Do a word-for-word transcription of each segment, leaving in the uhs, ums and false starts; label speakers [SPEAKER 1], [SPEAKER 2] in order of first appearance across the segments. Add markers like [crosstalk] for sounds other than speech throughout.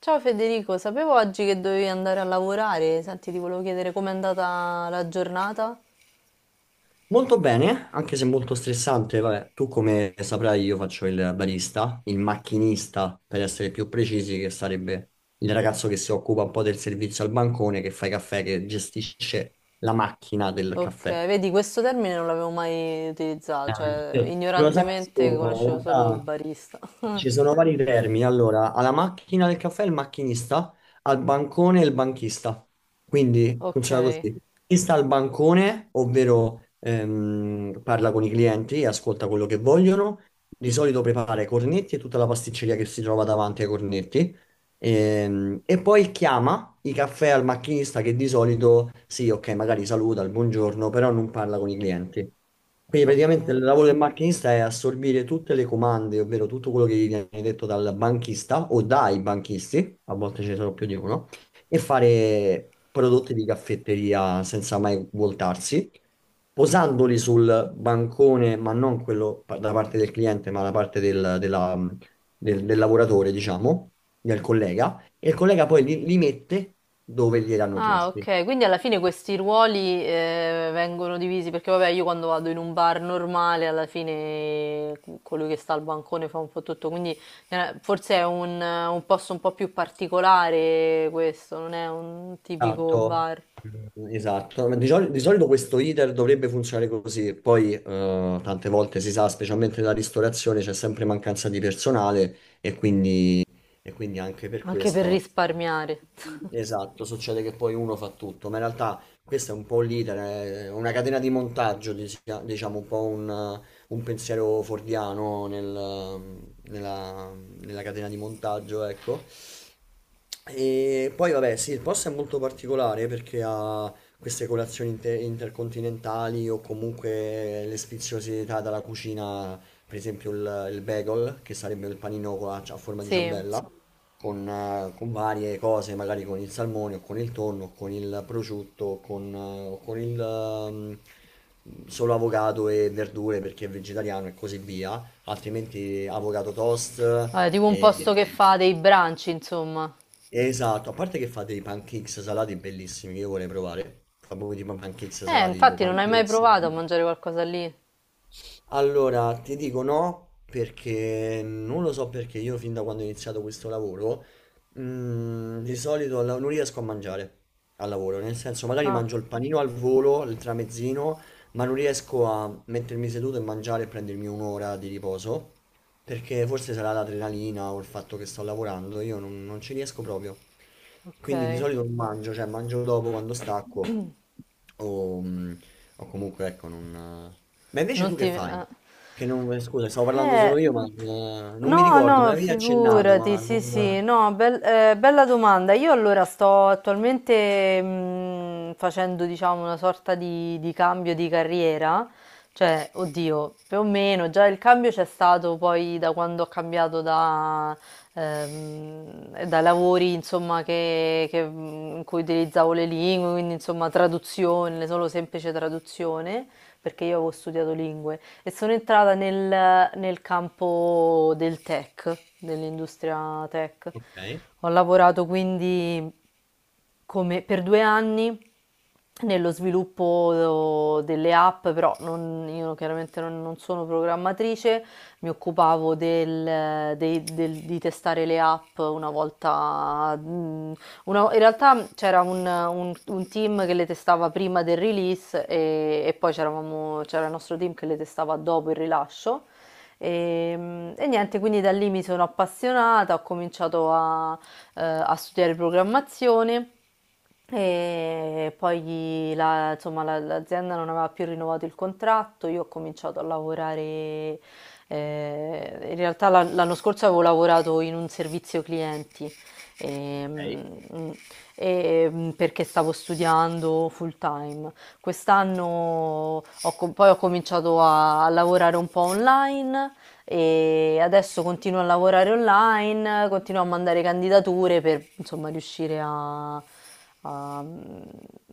[SPEAKER 1] Ciao Federico, sapevo oggi che dovevi andare a lavorare. Senti, ti volevo chiedere com'è andata la giornata.
[SPEAKER 2] Molto bene, anche se molto stressante. Vabbè, tu come saprai, io faccio il barista, il macchinista per essere più precisi, che sarebbe il ragazzo che si occupa un po' del servizio al bancone, che fa i caffè, che gestisce la macchina del
[SPEAKER 1] Ok,
[SPEAKER 2] caffè.
[SPEAKER 1] vedi, questo termine non l'avevo mai utilizzato,
[SPEAKER 2] Ah,
[SPEAKER 1] cioè
[SPEAKER 2] sì. Non lo sa
[SPEAKER 1] ignorantemente
[SPEAKER 2] nessuno, in
[SPEAKER 1] conoscevo solo
[SPEAKER 2] realtà
[SPEAKER 1] barista.
[SPEAKER 2] ci
[SPEAKER 1] [laughs]
[SPEAKER 2] sono vari vermi. Allora, alla macchina del caffè il macchinista, al bancone il banchista. Quindi
[SPEAKER 1] Ok,
[SPEAKER 2] funziona così. Chi sta al bancone, ovvero ehm, parla con i clienti e ascolta quello che vogliono, di solito prepara i cornetti e tutta la pasticceria che si trova davanti ai cornetti. Ehm, E, poi chiama i caffè al macchinista che di solito, sì, ok, magari saluta il buongiorno, però non parla con i clienti. Quindi
[SPEAKER 1] ok.
[SPEAKER 2] praticamente il lavoro del macchinista è assorbire tutte le comande, ovvero tutto quello che gli viene detto dal banchista o dai banchisti, a volte ce ne sono più di uno, e fare prodotti di caffetteria senza mai voltarsi, posandoli sul bancone, ma non quello pa- da parte del cliente, ma da parte del- della del, del lavoratore, diciamo, del collega, e il collega poi li, li mette dove gliel'hanno
[SPEAKER 1] Ah,
[SPEAKER 2] chiesti.
[SPEAKER 1] okay. Quindi alla fine questi ruoli, ehm, vengono divisi perché vabbè io quando vado in un bar normale alla fine co- colui che sta al bancone fa un po' tutto, quindi eh, forse è un, un posto un po' più particolare questo, non è un tipico
[SPEAKER 2] Esatto.
[SPEAKER 1] bar,
[SPEAKER 2] Mm, esatto. Ma Di, soli- di solito questo iter dovrebbe funzionare così, poi eh, tante volte si sa, specialmente nella ristorazione, c'è sempre mancanza di personale e quindi, e quindi anche per
[SPEAKER 1] anche per
[SPEAKER 2] questo.
[SPEAKER 1] risparmiare. [laughs]
[SPEAKER 2] Esatto, succede che poi uno fa tutto, ma in realtà questo è un po' l'iter, è una catena di montaggio, dis- diciamo un po' un, eh, un pensiero fordiano nel- nella, nella catena di montaggio, ecco. E poi vabbè, sì, il posto è molto particolare perché ha queste colazioni inter- intercontinentali o comunque le sfiziosità dalla cucina, per esempio il, il bagel, che sarebbe il panino con la- a forma di
[SPEAKER 1] Sì,
[SPEAKER 2] ciambella con, eh, con varie cose, magari con il salmone o con il tonno, o con il prosciutto, o con, eh, o con il ehm, solo avocado e verdure perché è vegetariano e così via, altrimenti avocado toast
[SPEAKER 1] vabbè, tipo un
[SPEAKER 2] e...
[SPEAKER 1] posto che
[SPEAKER 2] e-
[SPEAKER 1] fa dei brunch, insomma.
[SPEAKER 2] Esatto, a parte che fate i pancakes salati bellissimi che io vorrei provare, fa proprio tipo pancakes
[SPEAKER 1] Eh,
[SPEAKER 2] salati, tipo
[SPEAKER 1] infatti non hai mai
[SPEAKER 2] pancakes.
[SPEAKER 1] provato a mangiare qualcosa lì?
[SPEAKER 2] Allora, ti dico no, perché non lo so perché io fin da quando ho iniziato questo lavoro, mm, di solito alla- non riesco a mangiare al lavoro, nel senso magari
[SPEAKER 1] Ah,
[SPEAKER 2] mangio il panino al volo, il tramezzino, ma non riesco a mettermi seduto e mangiare e prendermi un'ora di riposo, perché forse sarà l'adrenalina o il fatto che sto lavorando, io non, non ci riesco proprio. Quindi di
[SPEAKER 1] ok.
[SPEAKER 2] solito non mangio, cioè mangio dopo quando stacco o, mm, o comunque ecco non... Ma invece
[SPEAKER 1] Non
[SPEAKER 2] tu
[SPEAKER 1] ti...
[SPEAKER 2] che fai?
[SPEAKER 1] ah.
[SPEAKER 2] Che non, eh, scusa, stavo parlando
[SPEAKER 1] Eh,
[SPEAKER 2] solo io, ma eh, non mi
[SPEAKER 1] no,
[SPEAKER 2] ricordo, me
[SPEAKER 1] no,
[SPEAKER 2] l'avevi accennato,
[SPEAKER 1] figurati,
[SPEAKER 2] ma
[SPEAKER 1] sì,
[SPEAKER 2] non...
[SPEAKER 1] sì, no, bel- eh, bella domanda. Io allora sto attualmente mh, facendo, diciamo, una sorta di, di cambio di carriera, cioè, oddio, più o meno, già il cambio c'è stato poi da quando ho cambiato da, ehm, da lavori, insomma, che, che, mh, in cui utilizzavo le lingue, quindi, insomma, traduzione, solo semplice traduzione perché io avevo studiato lingue e sono entrata nel, nel campo del tech, dell'industria tech.
[SPEAKER 2] Ok,
[SPEAKER 1] Ho lavorato quindi come- per due anni nello sviluppo delle app, però non- io chiaramente non, non sono programmatrice, mi occupavo del- dei- del- di testare le app una volta mh, una- in realtà c'era un, un- un team che le testava prima del release e, e poi c'eravamo- c'era il nostro team che le testava dopo il rilascio. E, e niente, quindi da lì mi sono appassionata, ho cominciato a, eh, a studiare programmazione. E poi la- insomma, la- l'azienda non aveva più rinnovato il contratto, io ho cominciato a lavorare, eh, in realtà l'an- l'anno scorso avevo lavorato in un servizio clienti
[SPEAKER 2] ok.
[SPEAKER 1] ehm, e, perché stavo studiando full time. Quest'anno ho co- poi ho cominciato a, a lavorare un po' online e adesso continuo a lavorare online, continuo a mandare candidature per insomma riuscire a, a-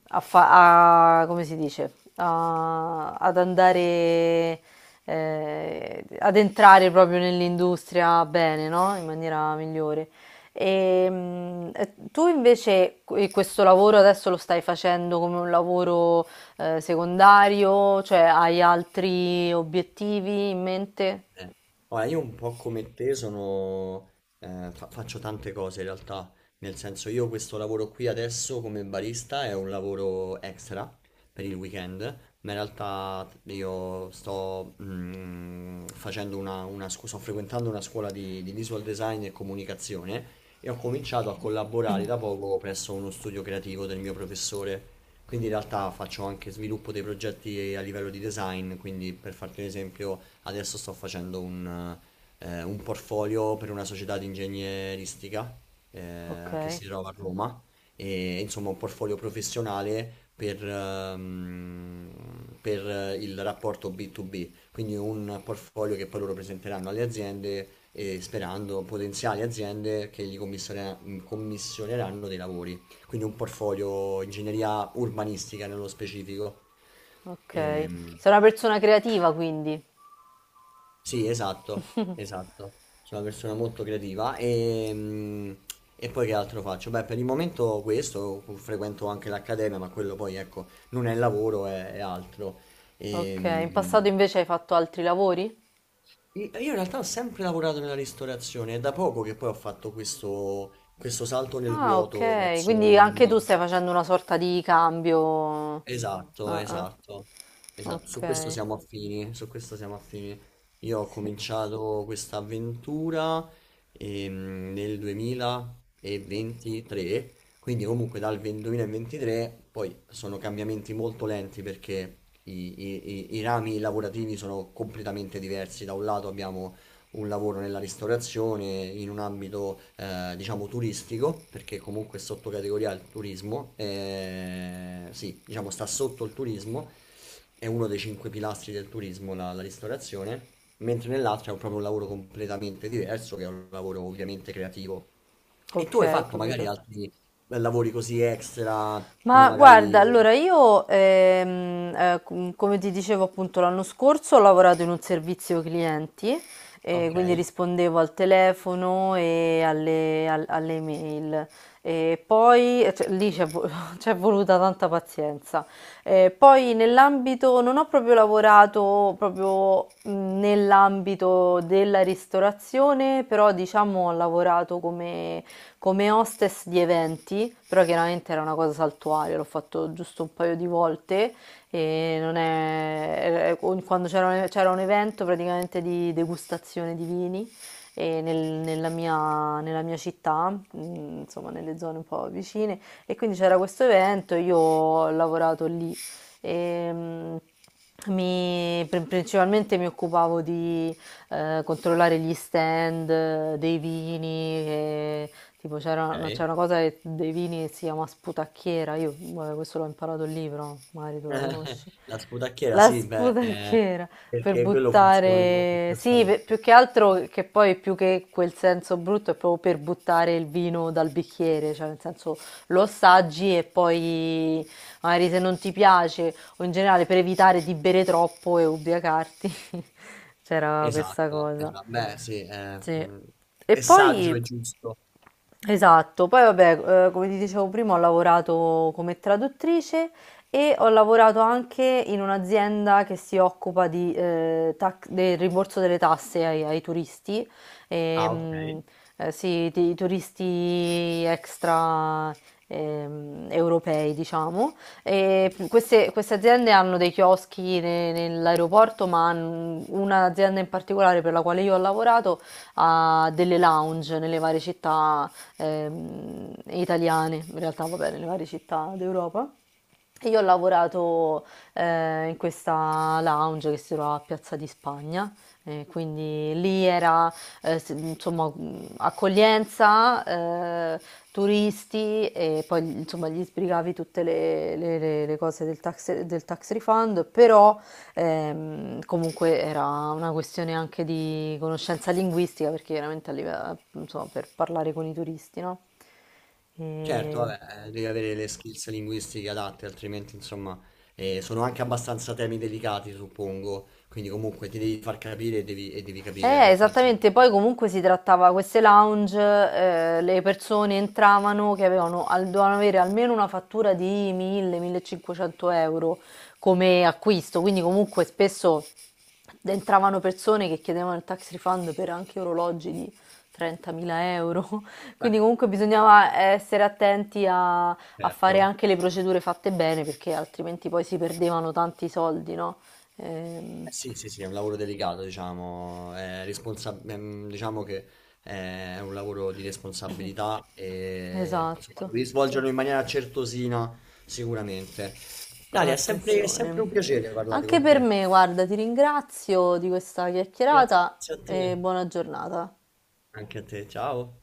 [SPEAKER 1] a fa- a- come si dice? A- ad andare eh, ad entrare proprio nell'industria bene, no? In maniera migliore. Ehm, eh, tu invece que- questo lavoro adesso lo stai facendo come un lavoro eh, secondario, cioè hai altri obiettivi in mente?
[SPEAKER 2] Eh, Ora, io un po' come te sono, eh, fa- faccio tante cose in realtà, nel senso io questo lavoro qui adesso come barista è un lavoro extra per il weekend, ma in realtà io sto, mm, facendo una, una scu- sto frequentando una scuola di, di visual design e comunicazione e ho cominciato a collaborare da poco presso uno studio creativo del mio professore. Quindi in realtà faccio anche sviluppo dei progetti a livello di design, quindi per farti un esempio Adesso sto facendo un, eh, un portfolio per una società di ingegneristica
[SPEAKER 1] Ok,
[SPEAKER 2] eh, che si trova a Roma e insomma un portfolio professionale per, ehm, per eh, il rapporto bi tu bi, quindi un portfolio che poi loro presenteranno alle aziende e sperando potenziali aziende che gli commissione- commissioneranno dei lavori, quindi un portfolio ingegneria urbanistica nello specifico.
[SPEAKER 1] ok.
[SPEAKER 2] Ehm,
[SPEAKER 1] Sei una persona creativa quindi.
[SPEAKER 2] sì, esatto, esatto. Sono una persona molto creativa e, mm, e poi che altro faccio? Beh, per il momento questo, frequento anche l'accademia, ma quello poi, ecco, non è lavoro, è, è altro. E,
[SPEAKER 1] Ok, in
[SPEAKER 2] mm,
[SPEAKER 1] passato invece hai fatto altri lavori?
[SPEAKER 2] io io in realtà ho sempre lavorato nella ristorazione, è da poco che poi ho fatto questo, questo salto nel
[SPEAKER 1] Ah,
[SPEAKER 2] vuoto
[SPEAKER 1] ok,
[SPEAKER 2] verso
[SPEAKER 1] quindi anche tu
[SPEAKER 2] una...
[SPEAKER 1] stai facendo una sorta di cambio.
[SPEAKER 2] Esatto,
[SPEAKER 1] Ah, ah,
[SPEAKER 2] esatto, esatto, su questo
[SPEAKER 1] ok.
[SPEAKER 2] siamo Mm. affini, su questo siamo affini. Io ho
[SPEAKER 1] Sì.
[SPEAKER 2] cominciato questa avventura ehm, nel duemilaventitré, quindi comunque dal venti duemilaventitré poi sono cambiamenti molto lenti perché i, i- i- i rami lavorativi sono completamente diversi. Da un lato abbiamo un lavoro nella ristorazione in un ambito eh, diciamo turistico, perché comunque è sottocategoria al turismo, eh, sì, diciamo sta sotto il turismo, è uno dei cinque pilastri del turismo la, la ristorazione, mentre nell'altra è proprio un lavoro completamente diverso, che è un lavoro ovviamente creativo. E
[SPEAKER 1] Ok,
[SPEAKER 2] tu hai
[SPEAKER 1] ho
[SPEAKER 2] fatto magari
[SPEAKER 1] capito.
[SPEAKER 2] altri eh, lavori così extra, come
[SPEAKER 1] Ma guarda,
[SPEAKER 2] magari...
[SPEAKER 1] allora io, ehm, eh, com- come ti dicevo appunto l'anno scorso, ho lavorato in un servizio clienti, eh,
[SPEAKER 2] Ok,
[SPEAKER 1] quindi rispondevo al telefono e alle, al- alle email. E poi, eh, cioè, lì c'è vo- [laughs] c'è voluta tanta pazienza. Eh, poi nell'ambito, non ho proprio lavorato proprio mh, nell'ambito della ristorazione, però diciamo ho lavorato come come hostess di eventi, però chiaramente era una cosa saltuaria, l'ho fatto giusto un paio di volte e non è... eh, quando c'era un, c'era un evento praticamente di degustazione di vini e nel- nella mia, nella mia città, mh, insomma nelle zone un po' vicine, e quindi c'era questo evento, io ho lavorato lì. E, mh, mi- pr- Principalmente mi occupavo di eh, controllare gli stand eh, dei vini, e tipo c'era una, c'è
[SPEAKER 2] ok.
[SPEAKER 1] una cosa che- dei vini che si chiama sputacchiera, io vabbè, questo l'ho imparato al libro, magari
[SPEAKER 2] [laughs]
[SPEAKER 1] tu la
[SPEAKER 2] Eh,
[SPEAKER 1] conosci.
[SPEAKER 2] La sputacchiera,
[SPEAKER 1] La
[SPEAKER 2] sì, beh, eh,
[SPEAKER 1] sputacchiera per
[SPEAKER 2] perché quello funziona anche
[SPEAKER 1] buttare, sì, pe- più
[SPEAKER 2] giustamente.
[SPEAKER 1] che altro che poi più che quel senso brutto è proprio per buttare il vino dal bicchiere, cioè nel senso lo assaggi e poi magari se non ti piace o in generale per evitare di bere troppo e ubriacarti, [laughs] c'era questa
[SPEAKER 2] Esatto,
[SPEAKER 1] cosa.
[SPEAKER 2] esatto. Beh, sì, eh,
[SPEAKER 1] Sì.
[SPEAKER 2] mm,
[SPEAKER 1] E
[SPEAKER 2] è saggio
[SPEAKER 1] poi
[SPEAKER 2] e giusto.
[SPEAKER 1] esatto, poi vabbè, eh, come ti dicevo prima, ho lavorato come traduttrice e ho lavorato anche in un'azienda che si occupa di, eh, tac- del rimborso delle tasse ai, ai turisti,
[SPEAKER 2] Ah, ok.
[SPEAKER 1] ehm, eh, sì, di- i turisti extra ehm, europei, diciamo. E queste, queste aziende hanno dei chioschi ne- nell'aeroporto, ma hanno- un'azienda in particolare per la quale io ho lavorato ha delle lounge nelle varie città ehm, italiane, in realtà va bene, nelle varie città d'Europa. E io ho lavorato eh, in questa lounge che si trova a Piazza di Spagna, eh, quindi lì era eh, s- insomma, mh, accoglienza, eh, turisti e poi insomma, gli sbrigavi tutte le, le- le- le cose del tax, del tax refund, però ehm, comunque era una questione anche di conoscenza linguistica perché chiaramente a live- insomma, per parlare con i turisti, no?
[SPEAKER 2] Certo,
[SPEAKER 1] E-
[SPEAKER 2] vabbè, eh, devi avere le skills linguistiche adatte, altrimenti, insomma, eh, sono anche abbastanza temi delicati, suppongo. Quindi comunque ti devi far capire e devi, e devi, capire,
[SPEAKER 1] eh,
[SPEAKER 2] perché
[SPEAKER 1] esattamente, poi
[SPEAKER 2] altrimenti...
[SPEAKER 1] comunque si trattava queste lounge, eh, le persone entravano che avevano, al- dovevano avere almeno una fattura di mille-millecinquecento euro come acquisto, quindi comunque spesso entravano persone che chiedevano il tax refund per anche orologi di trentamila euro, [laughs]
[SPEAKER 2] Beh,
[SPEAKER 1] quindi comunque bisognava essere attenti a, a fare
[SPEAKER 2] certo.
[SPEAKER 1] anche le procedure fatte bene perché altrimenti poi si perdevano tanti soldi, no? Ehm,
[SPEAKER 2] Eh sì, sì, sì, è un lavoro delicato, diciamo, è responsa- ehm, diciamo che è un lavoro di responsabilità e insomma,
[SPEAKER 1] esatto.
[SPEAKER 2] devi svolgerlo in maniera certosina, sicuramente.
[SPEAKER 1] Con
[SPEAKER 2] Dalia, è sempre, è sempre
[SPEAKER 1] attenzione.
[SPEAKER 2] un piacere parlare
[SPEAKER 1] Anche
[SPEAKER 2] con
[SPEAKER 1] per
[SPEAKER 2] te.
[SPEAKER 1] me, guarda, ti ringrazio di questa
[SPEAKER 2] Grazie
[SPEAKER 1] chiacchierata
[SPEAKER 2] a te.
[SPEAKER 1] e buona giornata.
[SPEAKER 2] Anche a te, ciao.